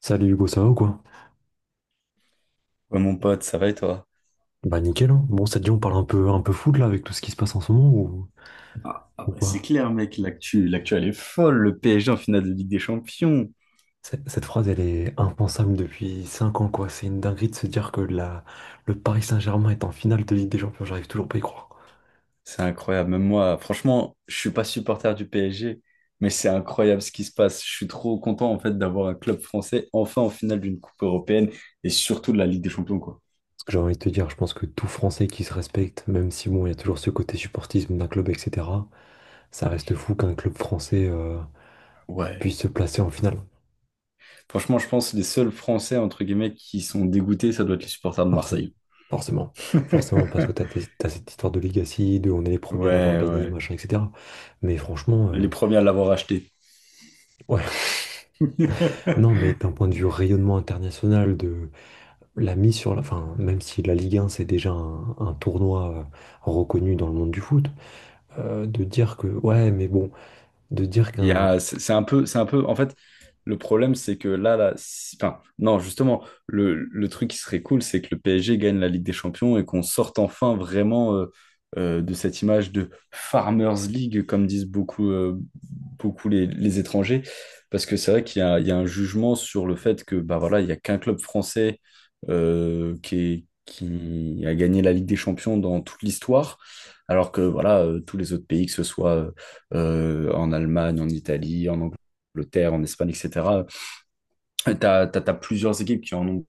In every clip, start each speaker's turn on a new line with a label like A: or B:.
A: Salut Hugo, ça va ou quoi?
B: Ouais, mon pote, ça va et toi?
A: Bah nickel, hein. Bon, ça te dit, on parle un peu foot là avec tout ce qui se passe en ce moment
B: Ah, ah
A: ou
B: bah, c'est
A: pas?
B: clair, mec, l'actu, l'actu, elle est folle. Le PSG en finale de Ligue des Champions.
A: Cette phrase, elle est impensable depuis 5 ans quoi. C'est une dinguerie de se dire que le Paris Saint-Germain est en finale de Ligue des Champions, j'arrive toujours pas à y croire.
B: C'est incroyable. Même moi, franchement, je suis pas supporter du PSG, mais c'est incroyable ce qui se passe. Je suis trop content en fait d'avoir un club français enfin en finale d'une coupe européenne et surtout de la Ligue des Champions, quoi.
A: Ce que j'ai envie de te dire, je pense que tout Français qui se respecte, même si bon, il y a toujours ce côté supportisme d'un club, etc., ça reste fou qu'un club français
B: Ouais.
A: puisse se placer en finale.
B: Franchement, je pense que les seuls Français entre guillemets qui sont dégoûtés, ça doit être les supporters de
A: Marseille,
B: Marseille.
A: forcément. Forcément, parce que t'as cette histoire de Legacy, de on est les premiers à l'avoir
B: Ouais,
A: gagné,
B: ouais.
A: machin, etc. Mais franchement,
B: Les premiers à l'avoir acheté.
A: ouais, non, mais d'un point de vue rayonnement international, de la mise sur la. Enfin, même si la Ligue 1, c'est déjà un tournoi reconnu dans le monde du foot, de dire que. Ouais, mais bon, de dire qu'un.
B: C'est un peu, en fait, le problème, c'est que là, enfin, non, justement, le truc qui serait cool, c'est que le PSG gagne la Ligue des Champions et qu'on sorte enfin vraiment de cette image de Farmers League, comme disent beaucoup les étrangers, parce que c'est vrai qu'il y a un jugement sur le fait que, bah voilà, il n'y a qu'un club français qui a gagné la Ligue des Champions dans toute l'histoire, alors que, voilà, tous les autres pays, que ce soit en Allemagne, en Italie, en Angleterre, en Espagne, etc. Tu as plusieurs équipes qui en ont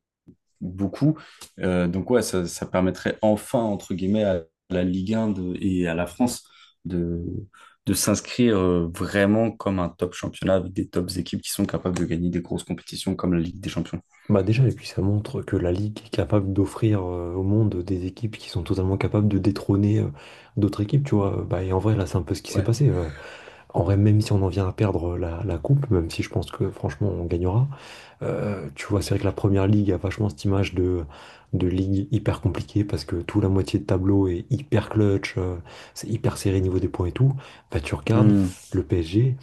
B: beaucoup. Donc ouais, ça permettrait enfin, entre guillemets, à la Ligue 1 et à la France de, de s'inscrire vraiment comme un top championnat avec des tops équipes qui sont capables de gagner des grosses compétitions comme la Ligue des Champions.
A: Bah déjà, et puis ça montre que la Ligue est capable d'offrir au monde des équipes qui sont totalement capables de détrôner d'autres équipes, tu vois. Bah, et en vrai, là, c'est un peu ce qui s'est
B: Ouais.
A: passé. En vrai, même si on en vient à perdre la coupe, même si je pense que franchement on gagnera, tu vois, c'est vrai que la première ligue a vachement cette image de ligue hyper compliquée parce que tout la moitié de tableau est hyper clutch, c'est hyper serré niveau des points et tout. Bah, tu regardes
B: Hmm.
A: le PSG,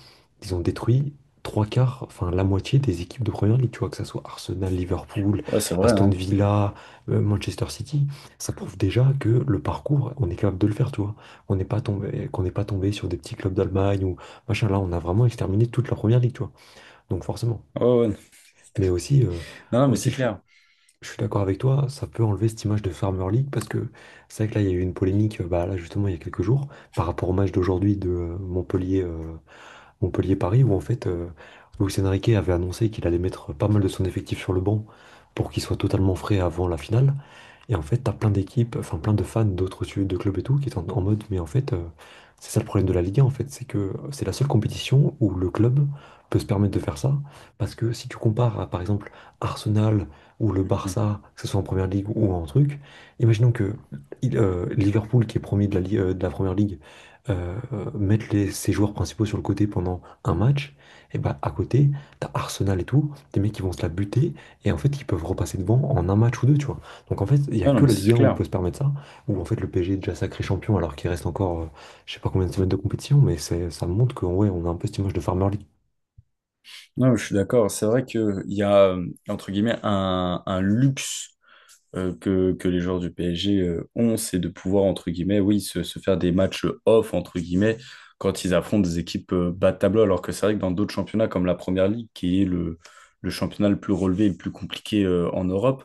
A: ils ont détruit trois quarts, enfin la moitié des équipes de première ligue, tu vois, que ce soit Arsenal, Liverpool,
B: Ouais, c'est vrai,
A: Aston
B: hein.
A: Villa, Manchester City. Ça prouve déjà que le parcours, on est capable de le faire, tu vois. On n'est pas tombé, qu'on n'est pas tombé sur des petits clubs d'Allemagne ou machin. Là, on a vraiment exterminé toute la première ligue, tu vois. Donc, forcément.
B: Ouais, ouais.
A: Mais aussi,
B: Non, non, mais c'est
A: je
B: clair.
A: je suis d'accord avec toi, ça peut enlever cette image de Farmer League parce que c'est vrai que là, il y a eu une polémique, bah, là, justement, il y a quelques jours, par rapport au match d'aujourd'hui de Montpellier, Montpellier-Paris, où en fait, Luis Enrique avait annoncé qu'il allait mettre pas mal de son effectif sur le banc pour qu'il soit totalement frais avant la finale. Et en fait, t'as plein d'équipes, enfin plein de fans d'autres de clubs et tout, qui sont en mode, mais en fait, c'est ça le problème de la Ligue 1, en fait, c'est que c'est la seule compétition où le club peut se permettre de faire ça, parce que si tu compares à, par exemple, Arsenal ou le
B: Hmm.
A: Barça, que ce soit en première ligue ou en truc, imaginons que Liverpool, qui est premier de de la première ligue, ses joueurs principaux sur le côté pendant un match, et bah à côté, t'as Arsenal et tout, des mecs qui vont se la buter, et en fait, ils peuvent repasser devant en un match ou deux, tu vois. Donc en fait, il n'y a
B: Ah, non,
A: que
B: mais
A: la Ligue
B: c'est
A: 1 où on peut
B: clair.
A: se permettre ça, où en fait le PSG est déjà sacré champion alors qu'il reste encore je sais pas combien de semaines de compétition, mais ça montre que ouais, on a un peu cette image de Farmer League.
B: Non, mais je suis d'accord. C'est vrai qu'il y a, entre guillemets, un luxe que les joueurs du PSG ont, c'est de pouvoir, entre guillemets, oui, se faire des matchs off, entre guillemets, quand ils affrontent des équipes bas de tableau, alors que c'est vrai que dans d'autres championnats comme la Première Ligue, qui est le championnat le plus relevé et le plus compliqué en Europe,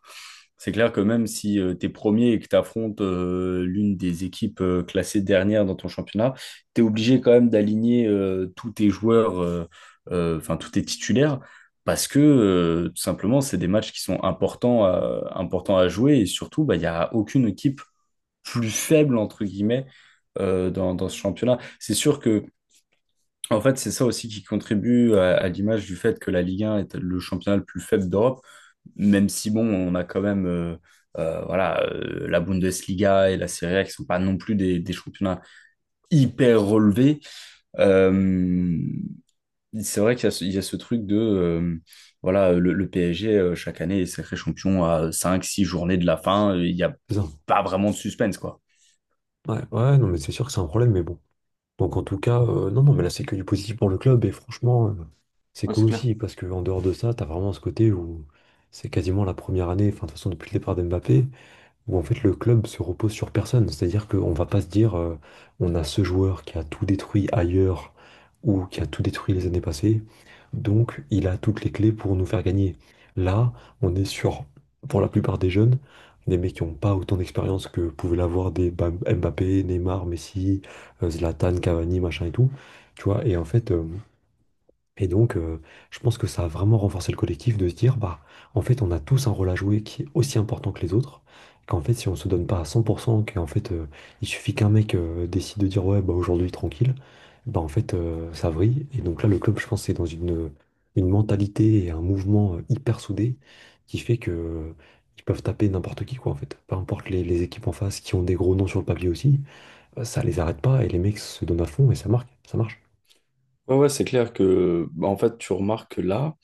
B: c'est clair que même si tu es premier et que tu affrontes l'une des équipes classées dernière dans ton championnat, tu es obligé quand même d'aligner tous tes joueurs, enfin tous tes titulaires parce que tout simplement, c'est des matchs qui sont importants à jouer et surtout, bah, il n'y a aucune équipe plus faible, entre guillemets, dans ce championnat. C'est sûr que, en fait, c'est ça aussi qui contribue à l'image du fait que la Ligue 1 est le championnat le plus faible d'Europe, même si, bon, on a quand même voilà, la Bundesliga et la Serie A qui sont pas non plus des championnats hyper relevés. Euh, c'est vrai qu'il y a ce truc de, voilà, le PSG, chaque année, est sacré champion à cinq six journées de la fin. Il n'y a
A: C'est ça.
B: pas vraiment de suspense, quoi.
A: Ouais, ouais, non mais c'est sûr que c'est un problème, mais bon. Donc en tout cas, non, non, mais là c'est que du positif pour le club et franchement, c'est
B: Ouais,
A: cool
B: c'est clair.
A: aussi parce que en dehors de ça, t'as vraiment ce côté où c'est quasiment la première année, enfin de toute façon depuis le départ d'Mbappé, où en fait le club se repose sur personne. C'est-à-dire qu'on va pas se dire on a ce joueur qui a tout détruit ailleurs ou qui a tout détruit les années passées, donc il a toutes les clés pour nous faire gagner. Là, on est sur, pour la plupart des jeunes, des mecs qui n'ont pas autant d'expérience que pouvaient l'avoir des Mbappé, Neymar, Messi, Zlatan, Cavani, machin et tout. Tu vois, et en fait, donc, je pense que ça a vraiment renforcé le collectif de se dire, bah, en fait, on a tous un rôle à jouer qui est aussi important que les autres. Qu'en fait, si on se donne pas à 100%, qu'en fait, il suffit qu'un mec décide de dire, ouais, bah, aujourd'hui, tranquille, bah, en fait, ça vrille. Et donc là, le club, je pense, c'est dans une mentalité et un mouvement hyper soudé qui fait que, ils peuvent taper n'importe qui, quoi, en fait. Peu importe les équipes en face qui ont des gros noms sur le papier aussi, ça les arrête pas et les mecs se donnent à fond et ça marche.
B: Ouais, ouais, c'est clair que, bah, en fait, tu remarques que là,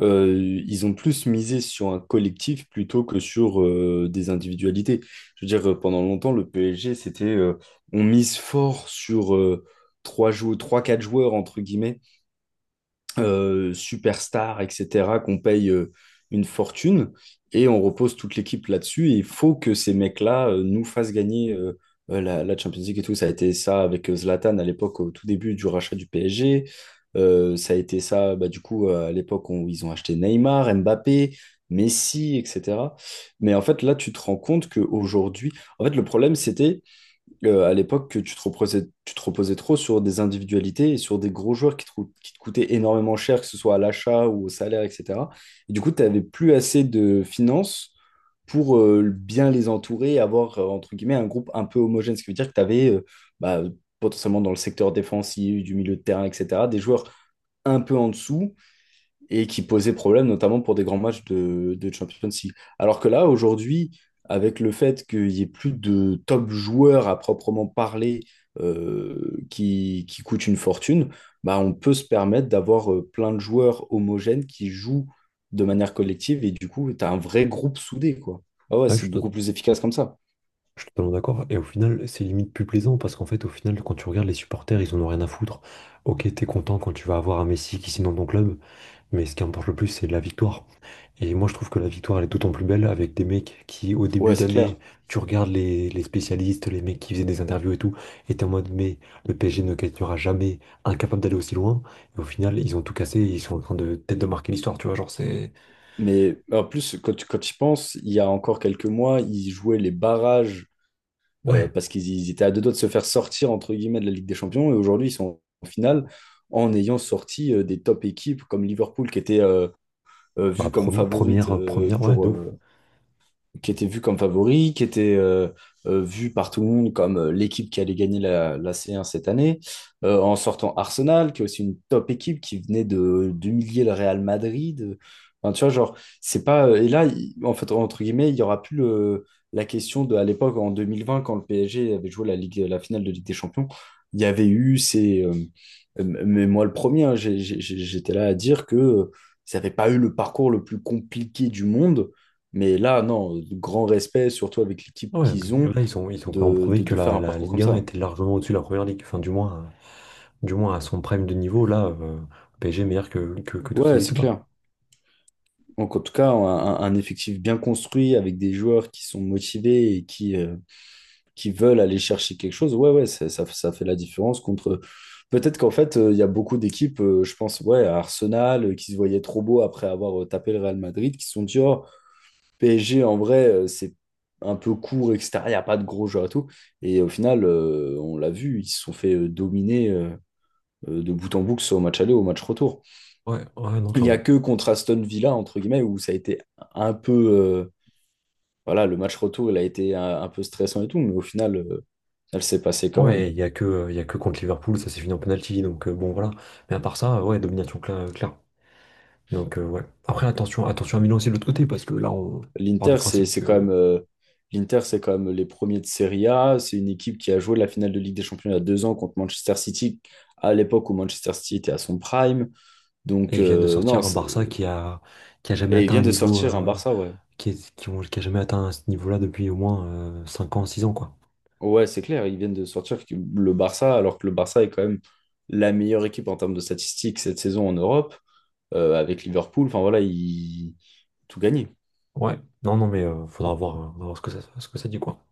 B: ils ont plus misé sur un collectif plutôt que sur des individualités. Je veux dire, pendant longtemps, le PSG, c'était, on mise fort sur trois, quatre joueurs, entre guillemets, superstars, etc., qu'on paye une fortune, et on repose toute l'équipe là-dessus. Et il faut que ces mecs-là nous fassent gagner la Champions League et tout. Ça a été ça avec Zlatan à l'époque, au tout début du rachat du PSG. Ça a été ça, bah, du coup, à l'époque où ils ont acheté Neymar, Mbappé, Messi, etc. Mais en fait, là, tu te rends compte qu'aujourd'hui, en fait, le problème, c'était à l'époque que tu te reposais trop sur des individualités et sur des gros joueurs qui te coûtaient énormément cher, que ce soit à l'achat ou au salaire, etc. Et du coup, tu n'avais plus assez de finances pour bien les entourer et avoir, entre guillemets, un groupe un peu homogène. Ce qui veut dire que tu avais potentiellement dans le secteur défensif, du milieu de terrain, etc., des joueurs un peu en dessous et qui posait problème, notamment pour des grands matchs de Champions League. Alors que là, aujourd'hui, avec le fait qu'il n'y ait plus de top joueurs à proprement parler qui coûtent une fortune, bah, on peut se permettre d'avoir plein de joueurs homogènes qui jouent de manière collective et du coup, tu as un vrai groupe soudé, quoi. Ah ouais,
A: Ouais, je
B: c'est
A: suis
B: beaucoup plus efficace comme ça.
A: Je suis totalement d'accord. Et au final, c'est limite plus plaisant parce qu'en fait, au final, quand tu regardes les supporters, ils en ont rien à foutre. Ok, t'es content quand tu vas avoir un Messi qui signe dans ton club, mais ce qui importe le plus, c'est la victoire. Et moi, je trouve que la victoire, elle est d'autant plus belle avec des mecs qui, au
B: Ouais,
A: début
B: c'est
A: d'année,
B: clair.
A: tu regardes les spécialistes, les mecs qui faisaient des interviews et tout, et t'es en mode, mais le PSG ne gagnera jamais, incapable d'aller aussi loin. Et au final, ils ont tout cassé, et ils sont en train de peut-être de marquer l'histoire, tu vois. Genre, c'est.
B: Mais en plus, quand tu y penses, il y a encore quelques mois, ils jouaient les barrages
A: Ouais.
B: parce qu'ils ils étaient à deux doigts de se faire sortir, entre guillemets, de la Ligue des Champions. Et aujourd'hui, ils sont en finale en ayant sorti des top équipes comme Liverpool, qui était
A: Bah,
B: vue comme favorite
A: première, ouais, de
B: pour,
A: ouf.
B: qui était vu comme favori, qui était vu par tout le monde comme l'équipe qui allait gagner la C1 cette année, en sortant Arsenal, qui est aussi une top équipe qui venait de d'humilier le Real Madrid. Enfin, tu vois, genre, c'est pas. Et là, en fait, entre guillemets, il y aura plus la question de, à l'époque, en 2020, quand le PSG avait joué la finale de Ligue des Champions, il y avait eu ces, mais moi, le premier, hein, j'étais là à dire que ça n'avait pas eu le parcours le plus compliqué du monde, mais là, non, grand respect, surtout avec l'équipe
A: Ouais,
B: qu'ils ont,
A: mais là, ils sont pas en
B: de,
A: prouvé
B: de,
A: que
B: de faire un
A: la
B: parcours comme
A: Ligue un
B: ça.
A: était largement au-dessus de la première ligue. Enfin, du moins à son prime de niveau, là, le PSG est meilleur que toutes ces
B: Ouais, c'est
A: équipes là.
B: clair. Donc, en tout cas, effectif bien construit avec des joueurs qui sont motivés et qui veulent aller chercher quelque chose, ouais, ouais, ça fait la différence contre. Peut-être qu'en fait, il y a beaucoup d'équipes, je pense, ouais, à Arsenal, qui se voyaient trop beaux après avoir tapé le Real Madrid, qui se sont dit, oh, PSG, en vrai, c'est un peu court, extérieur, il n'y a pas de gros joueurs et tout. Et au final, on l'a vu, ils se sont fait dominer de bout en bout, que ce soit au match aller ou au match retour.
A: Ouais, ouais, non,
B: Il n'y a
A: clairement.
B: que contre Aston Villa, entre guillemets, où ça a été un peu, voilà, le match retour, il a été un peu stressant et tout, mais au final, elle s'est passée quand
A: Ouais,
B: même.
A: il y a que contre Liverpool, ça s'est fini en penalty, donc bon, voilà. Mais à part ça, ouais, domination claire. Donc, ouais. Après, attention à Milan aussi de l'autre côté, parce que là, on part
B: L'Inter,
A: du
B: c'est
A: principe
B: c'est quand même.
A: que
B: L'Inter, c'est quand même les premiers de Serie A. C'est une équipe qui a joué la finale de Ligue des Champions il y a 2 ans contre Manchester City, à l'époque où Manchester City était à son prime.
A: Et
B: Donc,
A: ils viennent de
B: non,
A: sortir un Barça qui a jamais
B: et ils
A: atteint un
B: viennent de
A: niveau.
B: sortir un Barça, ouais.
A: Qui, est- qui ont- qui a jamais atteint ce niveau-là depuis au moins 5 ans, 6 ans, quoi.
B: Ouais, c'est clair, ils viennent de sortir le Barça, alors que le Barça est quand même la meilleure équipe en termes de statistiques cette saison en Europe, avec Liverpool. Enfin, voilà, ils tout gagné.
A: Ouais, non, non, mais faudra voir, on va voir ce que ce que ça dit, quoi.